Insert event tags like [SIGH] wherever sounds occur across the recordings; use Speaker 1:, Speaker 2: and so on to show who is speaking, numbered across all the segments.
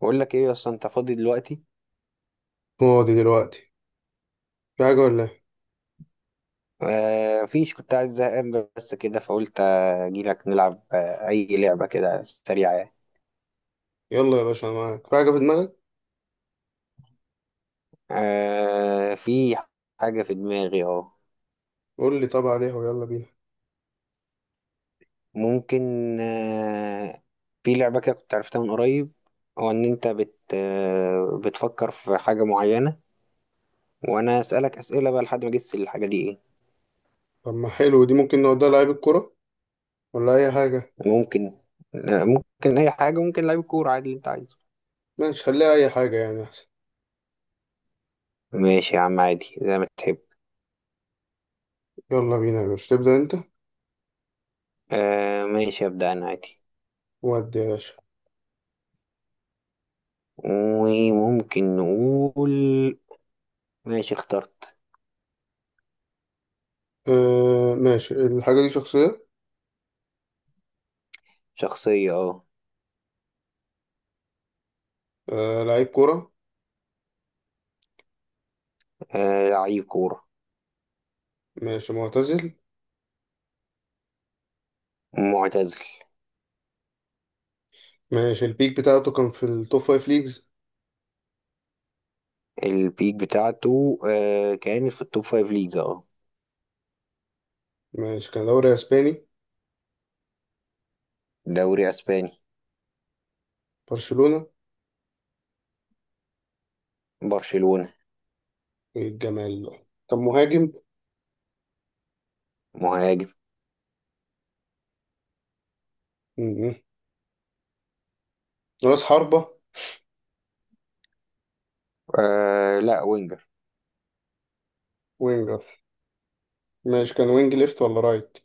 Speaker 1: بقول لك ايه يا اسطى؟ انت فاضي دلوقتي؟
Speaker 2: فاضي دلوقتي، في حاجة ولا ايه؟
Speaker 1: آه فيش. كنت قاعد زهقان بس كده، فقلت اجي لك نلعب. اي لعبه كده سريعه يعني.
Speaker 2: يلا يا باشا انا معاك. في حاجة في دماغك
Speaker 1: آه، في حاجه في دماغي اهو.
Speaker 2: قول لي، طب عليها ويلا بينا.
Speaker 1: ممكن. آه في لعبه كده كنت عرفتها من قريب. هو ان انت بت آه بتفكر في حاجه معينه، وانا اسالك اسئله بقى لحد ما اجس الحاجه دي ايه.
Speaker 2: طب ما حلو دي، ممكن نوديها لعيب الكرة ولا أي حاجة.
Speaker 1: ممكن ممكن اي حاجه، ممكن لعيب كوره، عادي اللي انت عايزه.
Speaker 2: ماشي خليها أي حاجة يعني أحسن.
Speaker 1: ماشي يا عم، عادي زي ما تحب.
Speaker 2: يلا بينا يا باشا تبدأ أنت.
Speaker 1: آه ماشي، ابدا انا عادي.
Speaker 2: ودي يا باشا.
Speaker 1: وممكن نقول ماشي اخترت.
Speaker 2: آه ماشي، الحاجة دي شخصية.
Speaker 1: شخصية، اه.
Speaker 2: آه لعيب كرة.
Speaker 1: آه، لعيب كورة.
Speaker 2: ماشي معتزل.
Speaker 1: معتزل.
Speaker 2: ماشي البيك بتاعته كان في التوب فايف ليجز.
Speaker 1: البيك بتاعته كانت في التوب فايف ليجز، اه.
Speaker 2: ماشي كان دوري أسباني.
Speaker 1: دوري اسباني.
Speaker 2: برشلونة.
Speaker 1: برشلونة.
Speaker 2: إيه الجمال ده! كان مهاجم.
Speaker 1: مهاجم.
Speaker 2: م- م. رأس حربة.
Speaker 1: آه لا، وينجر.
Speaker 2: وينجر. ماشي كان وينج ليفت ولا رايت؟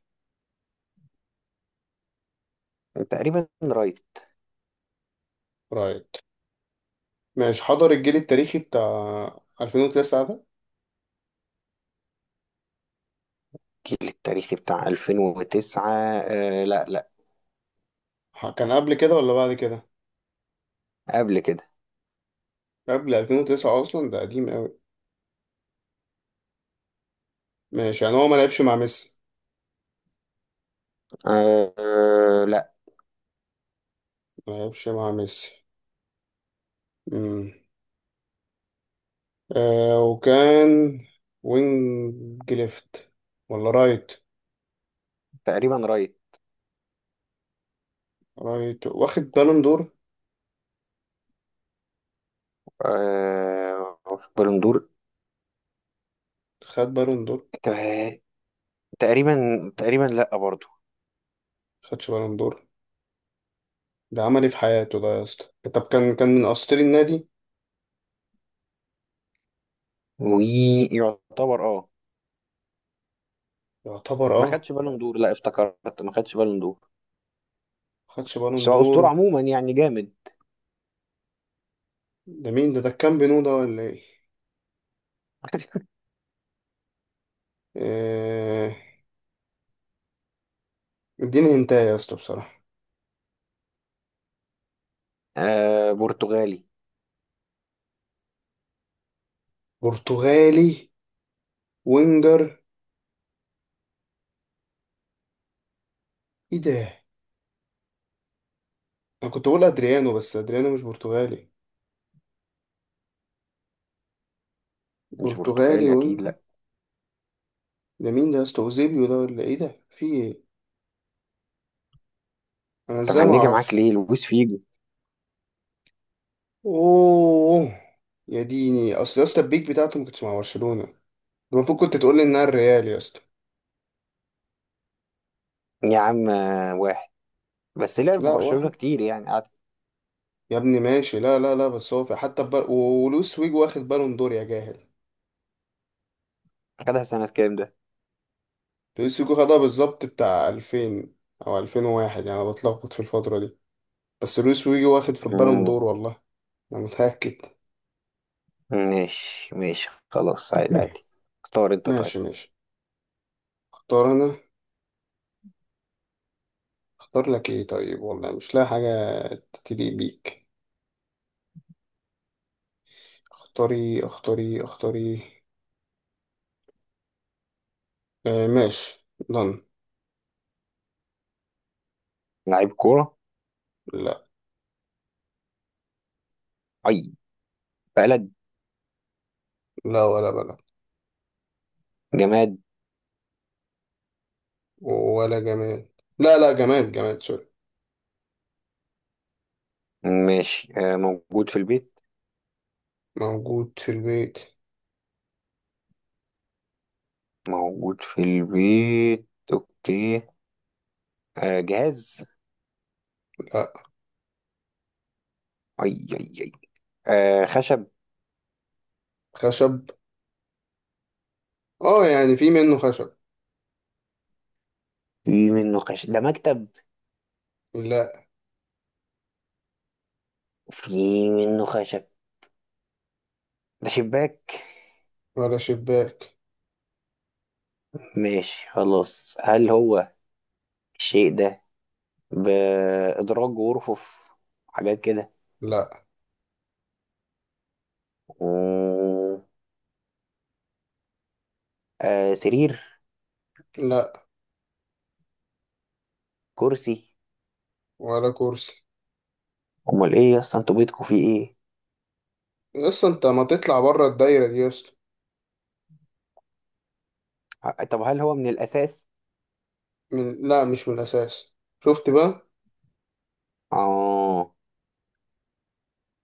Speaker 1: تقريبا رايت.
Speaker 2: رايت. ماشي حضر الجيل التاريخي بتاع 2009 ده؟
Speaker 1: كيل التاريخي بتاع 2009. آه، لا لا.
Speaker 2: كان قبل كده ولا بعد كده؟
Speaker 1: قبل كده.
Speaker 2: قبل 2009 اصلا، ده قديم قوي. ماشي يعني هو ما لعبش مع ميسي.
Speaker 1: آه آه، لا.
Speaker 2: ما لعبش مع ميسي. امم آه وكان وينج ليفت ولا رايت؟
Speaker 1: تقريبا رايت.
Speaker 2: رايت واخد بالون دور.
Speaker 1: آه، في بالون دور.
Speaker 2: خد بالون دور.
Speaker 1: آه، تقريبا. تقريبا لا برضه.
Speaker 2: خدش بالون دور؟ ده عمل ايه في حياته ده يا اسطى؟ طب كان من اساطير النادي،
Speaker 1: ويعتبر اه.
Speaker 2: يعتبر
Speaker 1: ما
Speaker 2: اه.
Speaker 1: خدش بالون دور، لا افتكرت ما خدش بالون دور.
Speaker 2: خدش بالون
Speaker 1: بس هو
Speaker 2: دور.
Speaker 1: اسطوره عموما يعني جامد.
Speaker 2: ده مين ده؟ ده كان بينو ده ولا ايه؟
Speaker 1: [LAUGHS]
Speaker 2: آه اديني هنتايا يا اسطى بصراحة.
Speaker 1: آه، برتغالي.
Speaker 2: برتغالي وينجر؟ ايه ده! انا كنت بقول ادريانو، بس ادريانو مش برتغالي.
Speaker 1: مش
Speaker 2: برتغالي
Speaker 1: برتغالي اكيد،
Speaker 2: وينجر؟
Speaker 1: لا.
Speaker 2: ده مين ده يا اسطى؟ اوزيبيو ده ولا ايه؟ ده في ايه؟ انا
Speaker 1: انت
Speaker 2: ازاي ما
Speaker 1: مهنجه معاك
Speaker 2: اعرفش؟
Speaker 1: ليه لويس فيجو.
Speaker 2: اوه، يا ديني! اصل يا اسطى البيك بتاعته ما كنتش مع برشلونة ده، المفروض كنت تقول لي انها الريال يا اسطى.
Speaker 1: يا عم آه، واحد. بس لعب في
Speaker 2: لا
Speaker 1: برشلونه
Speaker 2: واحد.
Speaker 1: كتير يعني، قعد.
Speaker 2: يا ابني ماشي، لا لا لا، بس هو في حتى ولويس فيجو واخد بالون دور يا جاهل.
Speaker 1: خدها سنه كام ده؟
Speaker 2: لويس فيجو خدها بالظبط بتاع 2000 او 2001، يعني انا بتلخبط في الفترة دي، بس لويس ويجي واخد في البالون
Speaker 1: مم.
Speaker 2: دور والله. انا متأكد.
Speaker 1: ماشي ماشي خلاص، عادي عادي. اختار انت
Speaker 2: ماشي
Speaker 1: طيب.
Speaker 2: ماشي. اختار انا. اختار لك ايه طيب، والله مش لاقي حاجة تليق بيك. اختاري اختاري اختاري. آه ماشي. ضن.
Speaker 1: لعيب كوره.
Speaker 2: لا.
Speaker 1: اي بلد.
Speaker 2: لا ولا بلد.
Speaker 1: جماد.
Speaker 2: ولا جماد. لا لا، جماد جماد سوري.
Speaker 1: ماشي. آه، موجود في البيت.
Speaker 2: موجود في البيت.
Speaker 1: موجود في البيت. اوكي. آه جهاز.
Speaker 2: لا
Speaker 1: اي اي اي. آه خشب.
Speaker 2: خشب. اه يعني في منه خشب.
Speaker 1: في منه خشب، ده مكتب.
Speaker 2: لا.
Speaker 1: في منه خشب، ده شباك.
Speaker 2: ولا شباك.
Speaker 1: ماشي خلاص، هل هو الشيء ده بإدراج ورفوف حاجات كده؟
Speaker 2: لا.
Speaker 1: مم، آه سرير.
Speaker 2: لا
Speaker 1: كرسي.
Speaker 2: ولا كرسي.
Speaker 1: امال ايه يا اسطى، انتوا بيتكم فيه ايه؟
Speaker 2: يس، انت ما تطلع بره الدايرة دي يس.
Speaker 1: آه، طب هل هو من الاساس؟
Speaker 2: لا مش من الأساس. شفت بقى؟
Speaker 1: اه،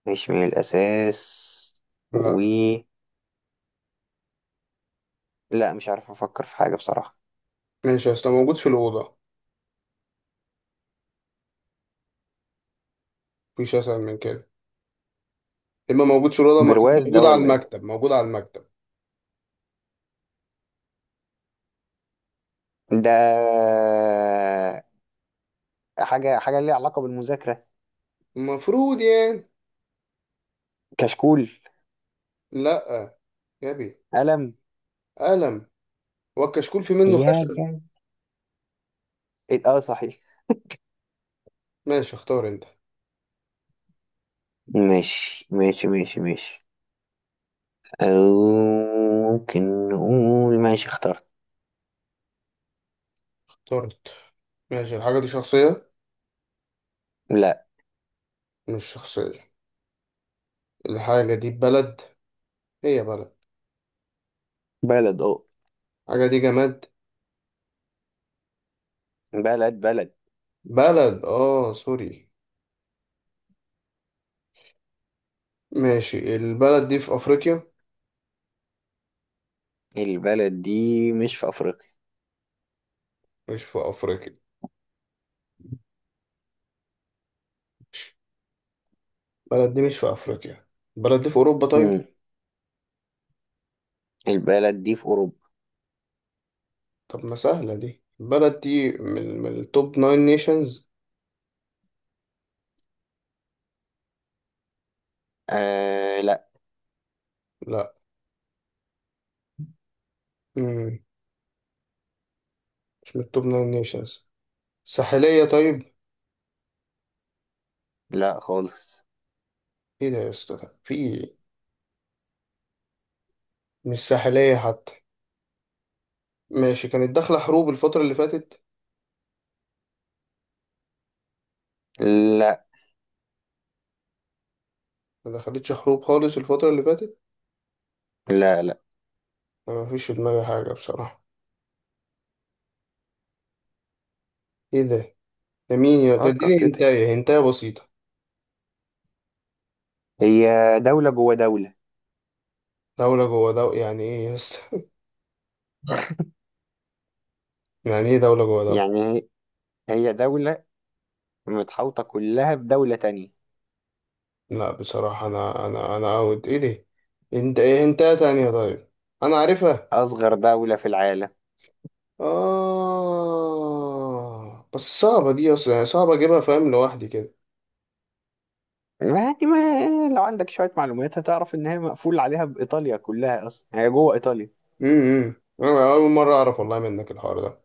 Speaker 1: مش من الاساس.
Speaker 2: لا.
Speaker 1: و لا، مش عارف افكر في حاجة بصراحة.
Speaker 2: ماشي، أصل موجود في الأوضة مفيش أسهل من كده. إما موجود في الأوضة، ما كان
Speaker 1: برواز ده
Speaker 2: موجود على
Speaker 1: ولا ايه
Speaker 2: المكتب موجود على المكتب.
Speaker 1: ده؟ حاجه ليها علاقه بالمذاكره.
Speaker 2: المفروض يعني.
Speaker 1: كشكول.
Speaker 2: لا. يا بي.
Speaker 1: قلم.
Speaker 2: قلم. والكشكول في منه
Speaker 1: يا
Speaker 2: خشب.
Speaker 1: يا إيه، اه صحيح.
Speaker 2: ماشي اختار أنت.
Speaker 1: ماشي ماشي ماشي ماشي، أو ممكن نقول ماشي اخترت.
Speaker 2: اخترت. ماشي، الحاجة دي شخصية.
Speaker 1: لا.
Speaker 2: مش شخصية. الحاجة دي بلد. هي بلد.
Speaker 1: بلد، اه.
Speaker 2: الحاجة دي جماد.
Speaker 1: بلد بلد.
Speaker 2: بلد اه سوري. ماشي، البلد دي في أفريقيا.
Speaker 1: البلد دي مش في أفريقيا.
Speaker 2: مش في أفريقيا. ماشي. البلد دي مش في أفريقيا. البلد دي في أوروبا طيب.
Speaker 1: مم. البلد دي في أوروبا.
Speaker 2: طب ما سهلة دي، البلد دي من التوب ناين نيشنز.
Speaker 1: آه لا.
Speaker 2: لا. مم. مش من التوب ناين نيشنز. ساحلية طيب.
Speaker 1: لا خالص.
Speaker 2: ايه ده يا اسطى ده؟ في إيه؟ مش ساحلية حتى. ماشي كانت داخلة حروب الفترة اللي فاتت.
Speaker 1: لا
Speaker 2: ما دخلتش حروب خالص الفترة اللي فاتت.
Speaker 1: لا لا.
Speaker 2: أنا مفيش في دماغي حاجة بصراحة. ايه ده! ده مين يا ده؟
Speaker 1: فكر
Speaker 2: اديني
Speaker 1: كده.
Speaker 2: هنتاية، هنتاية بسيطة.
Speaker 1: هي دولة جوه دولة.
Speaker 2: دولة جوه دولة يعني ايه يا اسطى؟ [LAUGHS] يعني ايه دولة جوه دولة؟
Speaker 1: يعني هي دولة متحوطة كلها بدولة تانية.
Speaker 2: لا بصراحة، انا اوت ايه دي. انت ايه هنتاية تانية طيب، انا عارفها.
Speaker 1: أصغر دولة في العالم.
Speaker 2: آه بس صعبة دي أصلا، يعني صعب أجيبها فاهم لوحدي كده.
Speaker 1: يعني ما لو عندك شوية معلومات هتعرف إن هي مقفول عليها بإيطاليا، كلها أصلا هي جوه إيطاليا.
Speaker 2: امم إمم. أنا أول مرة أعرف والله منك الحوار ده.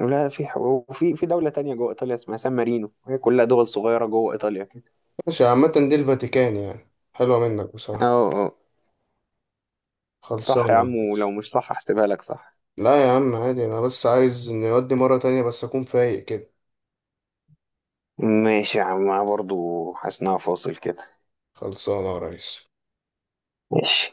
Speaker 1: ولا في ح- وفي في دولة تانية جوه إيطاليا اسمها سان مارينو. هي كلها دول صغيرة جوه إيطاليا كده.
Speaker 2: ماشي، عامة دي الفاتيكان، يعني حلوة منك
Speaker 1: أه
Speaker 2: بصراحة.
Speaker 1: أه، صح يا
Speaker 2: خلصانة.
Speaker 1: عم، ولو مش صح هحسبها لك صح.
Speaker 2: لا يا عم عادي، أنا بس عايز نودي مرة تانية بس أكون فايق كده.
Speaker 1: ماشي يا عم، أنا برضو حاسس إنها فاصل كده.
Speaker 2: خلصانة يا ريس.
Speaker 1: ماشي